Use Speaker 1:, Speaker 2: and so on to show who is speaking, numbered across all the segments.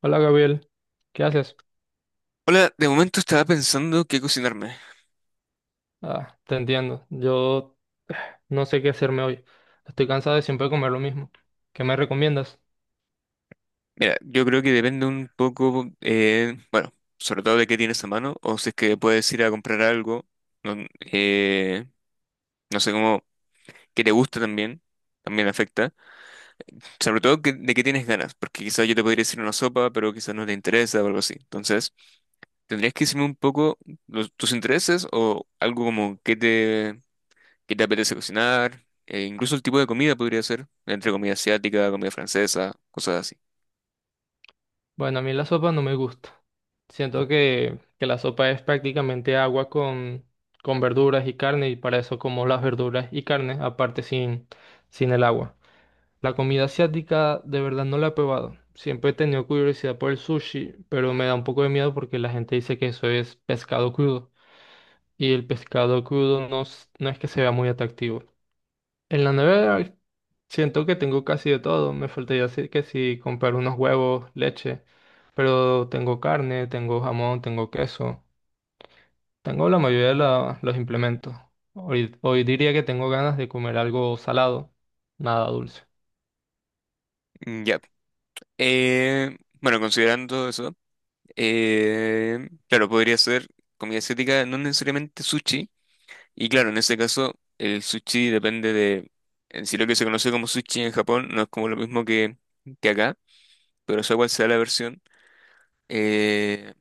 Speaker 1: Hola Gabriel, ¿qué haces?
Speaker 2: Hola, de momento estaba pensando qué cocinarme.
Speaker 1: Ah, te entiendo, yo eh, no sé qué hacerme hoy. Estoy cansado de siempre comer lo mismo. ¿Qué me recomiendas?
Speaker 2: Mira, yo creo que depende un poco, bueno, sobre todo de qué tienes a mano, o si es que puedes ir a comprar algo, no, eh, no sé cómo, que te gusta también, también afecta. Sobre todo de qué tienes ganas, porque quizás yo te podría decir una sopa, pero quizás no te interesa o algo así. Entonces, tendrías que decirme un poco tus intereses o algo como qué te apetece cocinar, incluso el tipo de comida podría ser, entre comida asiática, comida francesa, cosas así.
Speaker 1: Bueno, a mí la sopa no me gusta. Siento que la sopa es prácticamente agua con verduras y carne y para eso como las verduras y carne, aparte sin el agua. La comida asiática de verdad no la he probado. Siempre he tenido curiosidad por el sushi, pero me da un poco de miedo porque la gente dice que eso es pescado crudo. Y el pescado crudo no, no es que sea muy atractivo. En la nevera siento que tengo casi de todo. Me faltaría decir que si comprar unos huevos, leche, pero tengo carne, tengo jamón, tengo queso, tengo la mayoría de los implementos. Hoy diría que tengo ganas de comer algo salado, nada dulce.
Speaker 2: Mm, ya. Bueno, considerando eso, claro, podría ser comida asiática, no necesariamente sushi. Y claro, en este caso, el sushi depende de, en sí lo que se conoce como sushi en Japón no es como lo mismo que acá, pero sea cual sea la versión, eh,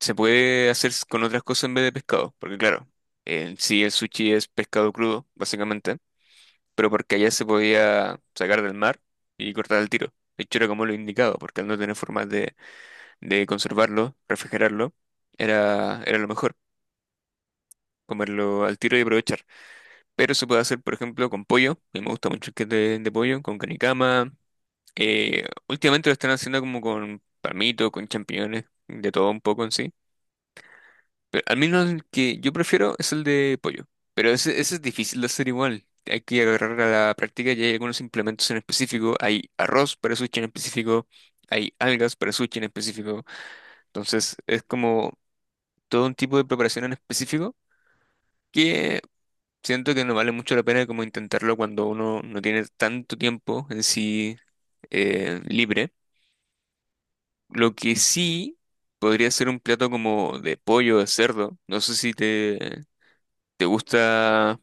Speaker 2: se puede hacer con otras cosas en vez de pescado, porque claro, en sí el sushi es pescado crudo, básicamente, pero porque allá se podía sacar del mar y cortar al tiro. De hecho, era como lo indicado, porque al no tener formas de conservarlo, refrigerarlo, era, era lo mejor, comerlo al tiro y aprovechar. Pero se puede hacer, por ejemplo, con pollo, a mí me gusta mucho el que de pollo, con canicama. Últimamente lo están haciendo como con palmito, con champiñones, de todo un poco en sí. Pero al menos el que yo prefiero es el de pollo. Pero ese es difícil de hacer igual. Hay que agarrar a la práctica y hay algunos implementos en específico. Hay arroz para sushi en específico, hay algas para sushi en específico. Entonces es como todo un tipo de preparación en específico que siento que no vale mucho la pena como intentarlo cuando uno no tiene tanto tiempo en sí libre. Lo que sí podría ser un plato como de pollo, de cerdo. No sé si te, te gusta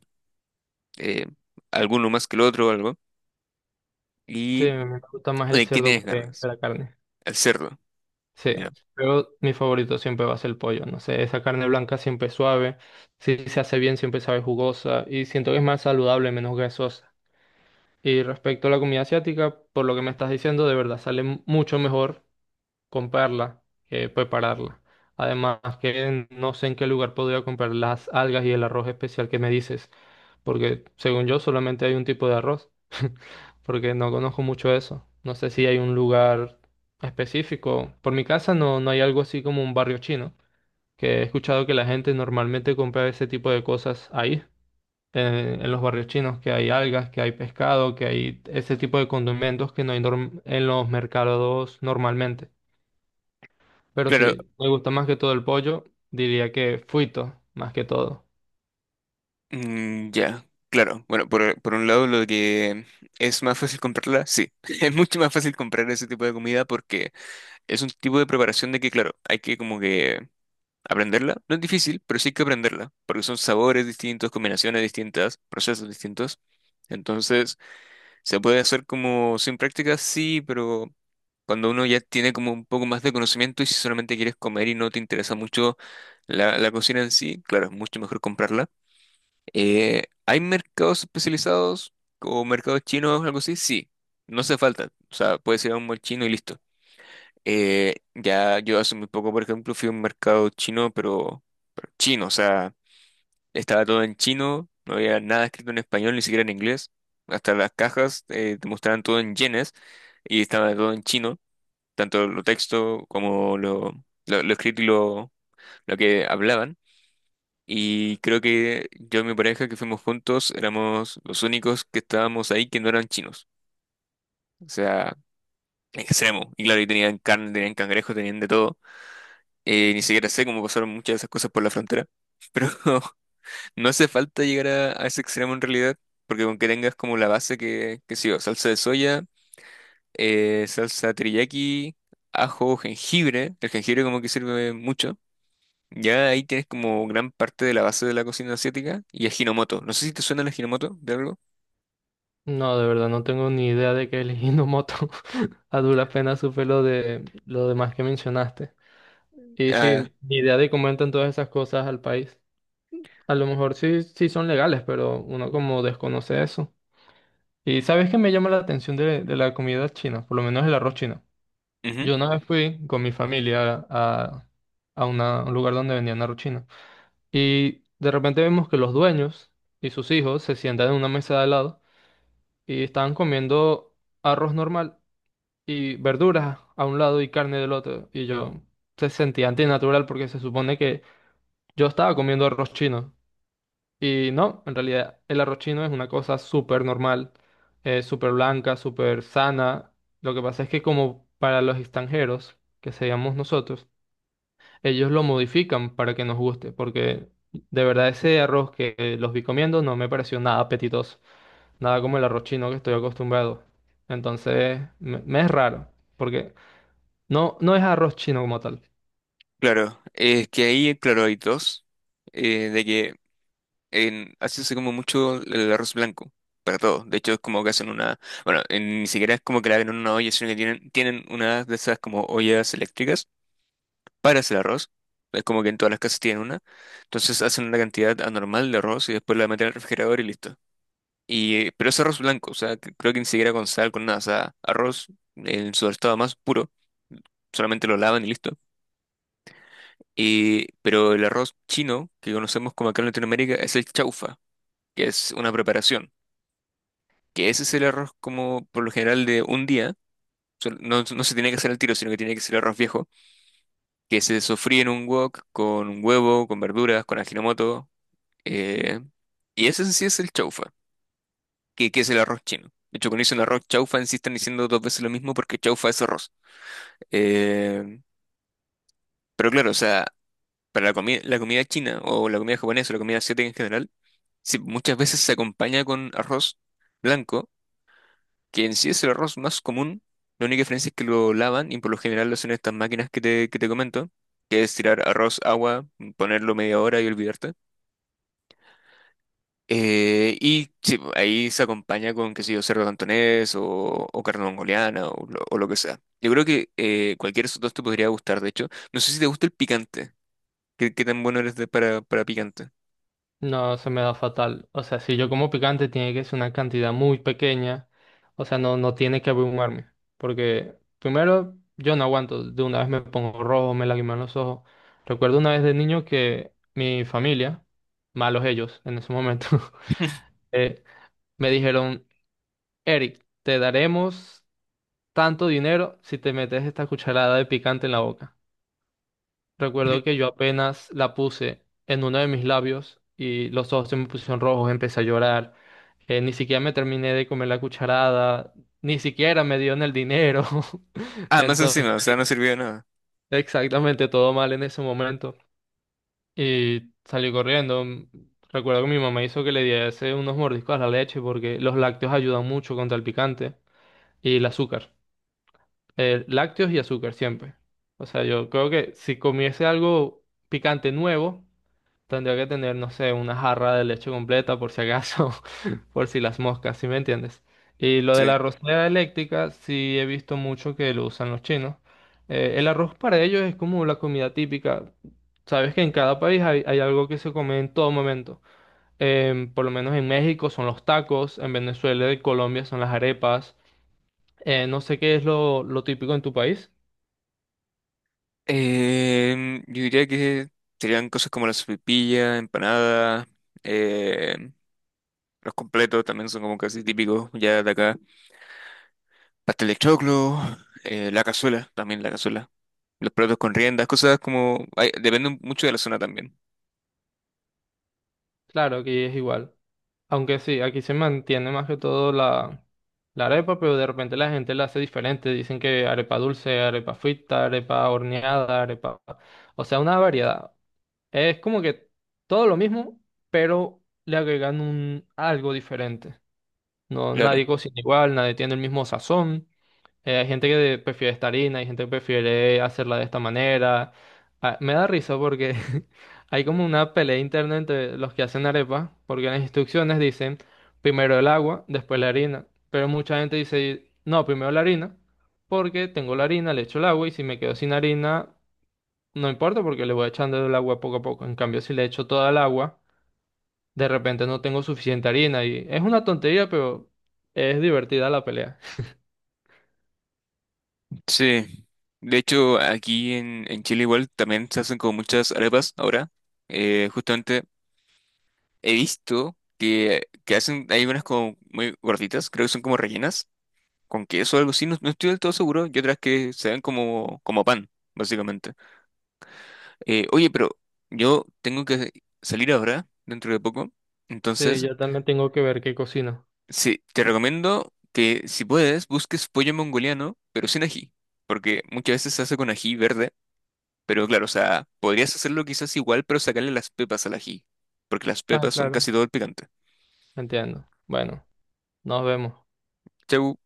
Speaker 2: eh, alguno más que el otro o algo.
Speaker 1: Sí,
Speaker 2: ¿Y
Speaker 1: me gusta más el
Speaker 2: qué
Speaker 1: cerdo
Speaker 2: tienes
Speaker 1: que
Speaker 2: ganas?
Speaker 1: la carne.
Speaker 2: El cerdo.
Speaker 1: Sí,
Speaker 2: Ya.
Speaker 1: pero mi favorito siempre va a ser el pollo, no sé, esa carne blanca siempre es suave, si se hace bien siempre sabe jugosa y siento que es más saludable, menos grasosa. Y respecto a la comida asiática, por lo que me estás diciendo, de verdad sale mucho mejor comprarla, prepararla. Además, que no sé en qué lugar podría comprar las algas y el arroz especial que me dices, porque según yo solamente hay un tipo de arroz, porque no conozco mucho eso. No sé si hay un lugar específico. Por mi casa no, no hay algo así como un barrio chino, que he escuchado que la gente normalmente compra ese tipo de cosas ahí. En, en los barrios chinos, que hay algas, que hay pescado, que hay ese tipo de condimentos que no hay en los mercados normalmente. Pero
Speaker 2: Claro,
Speaker 1: si me gusta más que todo el pollo, diría que fuito, más que todo.
Speaker 2: mm, ya. Claro, bueno, por un lado lo que es más fácil comprarla, sí, es mucho más fácil comprar ese tipo de comida porque es un tipo de preparación de que, claro, hay que como que aprenderla. No es difícil, pero sí hay que aprenderla, porque son sabores distintos, combinaciones distintas, procesos distintos. Entonces, ¿se puede hacer como sin práctica? Sí, pero cuando uno ya tiene como un poco más de conocimiento y si solamente quieres comer y no te interesa mucho la, la cocina en sí, claro, es mucho mejor comprarla. ¿Hay mercados especializados o mercados chinos o algo así? Sí, no hace falta. O sea, puedes ir a un mall chino y listo. Ya yo hace muy poco, por ejemplo, fui a un mercado chino, pero chino, o sea, estaba todo en chino, no había nada escrito en español, ni siquiera en inglés. Hasta las cajas te mostraban todo en yenes y estaba todo en chino, tanto lo texto como lo escrito y lo que hablaban. Y creo que yo y mi pareja que fuimos juntos éramos los únicos que estábamos ahí que no eran chinos. O sea, extremo. Y claro, y tenían carne, tenían cangrejo, tenían de todo. Ni siquiera sé cómo pasaron muchas de esas cosas por la frontera. Pero no hace falta llegar a ese extremo en realidad, porque con que tengas como la base que sí, o salsa de soya, salsa teriyaki, ajo, jengibre, el jengibre como que sirve mucho. Ya ahí tienes como gran parte de la base de la cocina asiática y ajinomoto. No sé si te suena el ajinomoto de algo.
Speaker 1: No, de verdad, no tengo ni idea de qué es el Hinomoto. A duras penas supe lo de lo demás que mencionaste. Y
Speaker 2: Ah,
Speaker 1: sí, ni idea de cómo entran todas esas cosas al país. A lo mejor sí, sí son legales, pero uno como desconoce eso. Y sabes que me llama la atención de la comida china, por lo menos el arroz chino.
Speaker 2: ujú,
Speaker 1: Yo una vez fui con mi familia a a un lugar donde vendían arroz chino. Y de repente vemos que los dueños y sus hijos se sientan en una mesa de al lado y estaban comiendo arroz normal y verduras a un lado y carne del otro. Y yo se sentía antinatural porque se supone que yo estaba comiendo arroz chino. Y no, en realidad el arroz chino es una cosa súper normal, súper blanca, súper sana. Lo que pasa es que como para los extranjeros, que seríamos nosotros, ellos lo modifican para que nos guste, porque de verdad ese arroz que los vi comiendo no me pareció nada apetitoso, nada como el arroz chino que estoy acostumbrado. Entonces, me es raro, porque no, no es arroz chino como tal.
Speaker 2: claro, es que ahí, claro, hay dos. De que en Asia se come mucho el arroz blanco, para todo. De hecho, es como que hacen una, bueno, ni siquiera es como que la ven en una olla, sino que tienen, tienen una de esas como ollas eléctricas para hacer arroz. Es como que en todas las casas tienen una. Entonces hacen una cantidad anormal de arroz y después la meten al refrigerador y listo. Y, pero es arroz blanco, o sea, creo que ni siquiera con sal, con nada, o sea, arroz en su estado más puro, solamente lo lavan y listo. Y, pero el arroz chino que conocemos como acá en Latinoamérica es el chaufa, que es una preparación. Que ese es el arroz como por lo general de un día. No, no se tiene que hacer al tiro, sino que tiene que ser arroz viejo, que se sofríe en un wok con un huevo, con verduras, con ajinomoto. eh, y ese en sí es el chaufa, que es el arroz chino. De hecho, cuando dicen arroz chaufa, en sí están diciendo dos veces lo mismo porque chaufa es arroz. Eh, pero claro, o sea, para la comida china o la comida japonesa o la comida asiática en general, sí, muchas veces se acompaña con arroz blanco que en sí es el arroz más común. La única diferencia es que lo lavan y por lo general lo hacen estas máquinas que te comento, que es tirar arroz, agua, ponerlo media hora y olvidarte. Y sí, ahí se acompaña con, qué sé yo, cerdo cantonés o carne mongoliana o lo que sea. Yo creo que cualquier de esos dos te podría gustar, de hecho. No sé si te gusta el picante. ¿Qué, qué tan bueno eres para picante?
Speaker 1: No, se me da fatal. O sea, si yo como picante, tiene que ser una cantidad muy pequeña. O sea, no, no tiene que abrumarme. Porque primero, yo no aguanto. De una vez me pongo rojo, me lagriman los ojos. Recuerdo una vez de niño que mi familia, malos ellos en ese momento, eh, me dijeron, Eric, te daremos tanto dinero si te metes esta cucharada de picante en la boca. Recuerdo que yo apenas la puse en uno de mis labios y los ojos se me pusieron rojos, empecé a llorar. Ni siquiera me terminé de comer la cucharada, ni siquiera me dieron el dinero.
Speaker 2: Ah, más
Speaker 1: Entonces,
Speaker 2: encima, o sea, no sirvió de nada.
Speaker 1: exactamente todo mal en ese momento. Y salí corriendo. Recuerdo que mi mamá hizo que le diese unos mordiscos a la leche porque los lácteos ayudan mucho contra el picante y el azúcar. Lácteos y azúcar siempre. O sea, yo creo que si comiese algo picante nuevo tendría que tener, no sé, una jarra de leche completa por si acaso, por si las moscas, ¿sí me entiendes? Y lo de
Speaker 2: Sí.
Speaker 1: la arrocera eléctrica, sí he visto mucho que lo usan los chinos. El arroz para ellos es como la comida típica. Sabes que en cada país hay algo que se come en todo momento. Por lo menos en México son los tacos, en Venezuela y Colombia son las arepas. No sé qué es lo típico en tu país.
Speaker 2: Em, yo diría que serían cosas como la sopaipilla, empanada, em, los completos también son como casi típicos ya de acá. Pastel de choclo, la cazuela, también la cazuela. Los platos con riendas, cosas como... ay, depende mucho de la zona también.
Speaker 1: Claro que es igual. Aunque sí, aquí se mantiene más que todo la arepa, pero de repente la gente la hace diferente. Dicen que arepa dulce, arepa frita, arepa horneada, arepa... O sea, una variedad. Es como que todo lo mismo, pero le agregan un algo diferente. No,
Speaker 2: Claro.
Speaker 1: nadie cocina igual, nadie tiene el mismo sazón. Hay gente que prefiere esta harina, hay gente que prefiere hacerla de esta manera. Ah, me da risa porque hay como una pelea interna entre los que hacen arepa, porque en las instrucciones dicen primero el agua, después la harina. Pero mucha gente dice, no, primero la harina, porque tengo la harina, le echo el agua y si me quedo sin harina, no importa porque le voy echando el agua poco a poco. En cambio, si le echo toda el agua, de repente no tengo suficiente harina y es una tontería, pero es divertida la pelea.
Speaker 2: Sí. De hecho, aquí en Chile igual también se hacen como muchas arepas ahora. Justamente he visto que hacen, hay unas como muy gorditas, creo que son como rellenas con queso o algo así, no, no estoy del todo seguro. Y otras que se dan como, como pan, básicamente. Oye, pero yo tengo que salir ahora, dentro de poco.
Speaker 1: Sí,
Speaker 2: Entonces,
Speaker 1: yo también tengo que ver qué cocino.
Speaker 2: sí, te recomiendo que si puedes, busques pollo mongoliano, pero sin ají. Porque muchas veces se hace con ají verde. Pero claro, o sea, podrías hacerlo quizás igual, pero sacarle las pepas al ají. Porque las
Speaker 1: Ah,
Speaker 2: pepas son
Speaker 1: claro,
Speaker 2: casi todo el picante.
Speaker 1: entiendo. Bueno, nos vemos.
Speaker 2: Chau.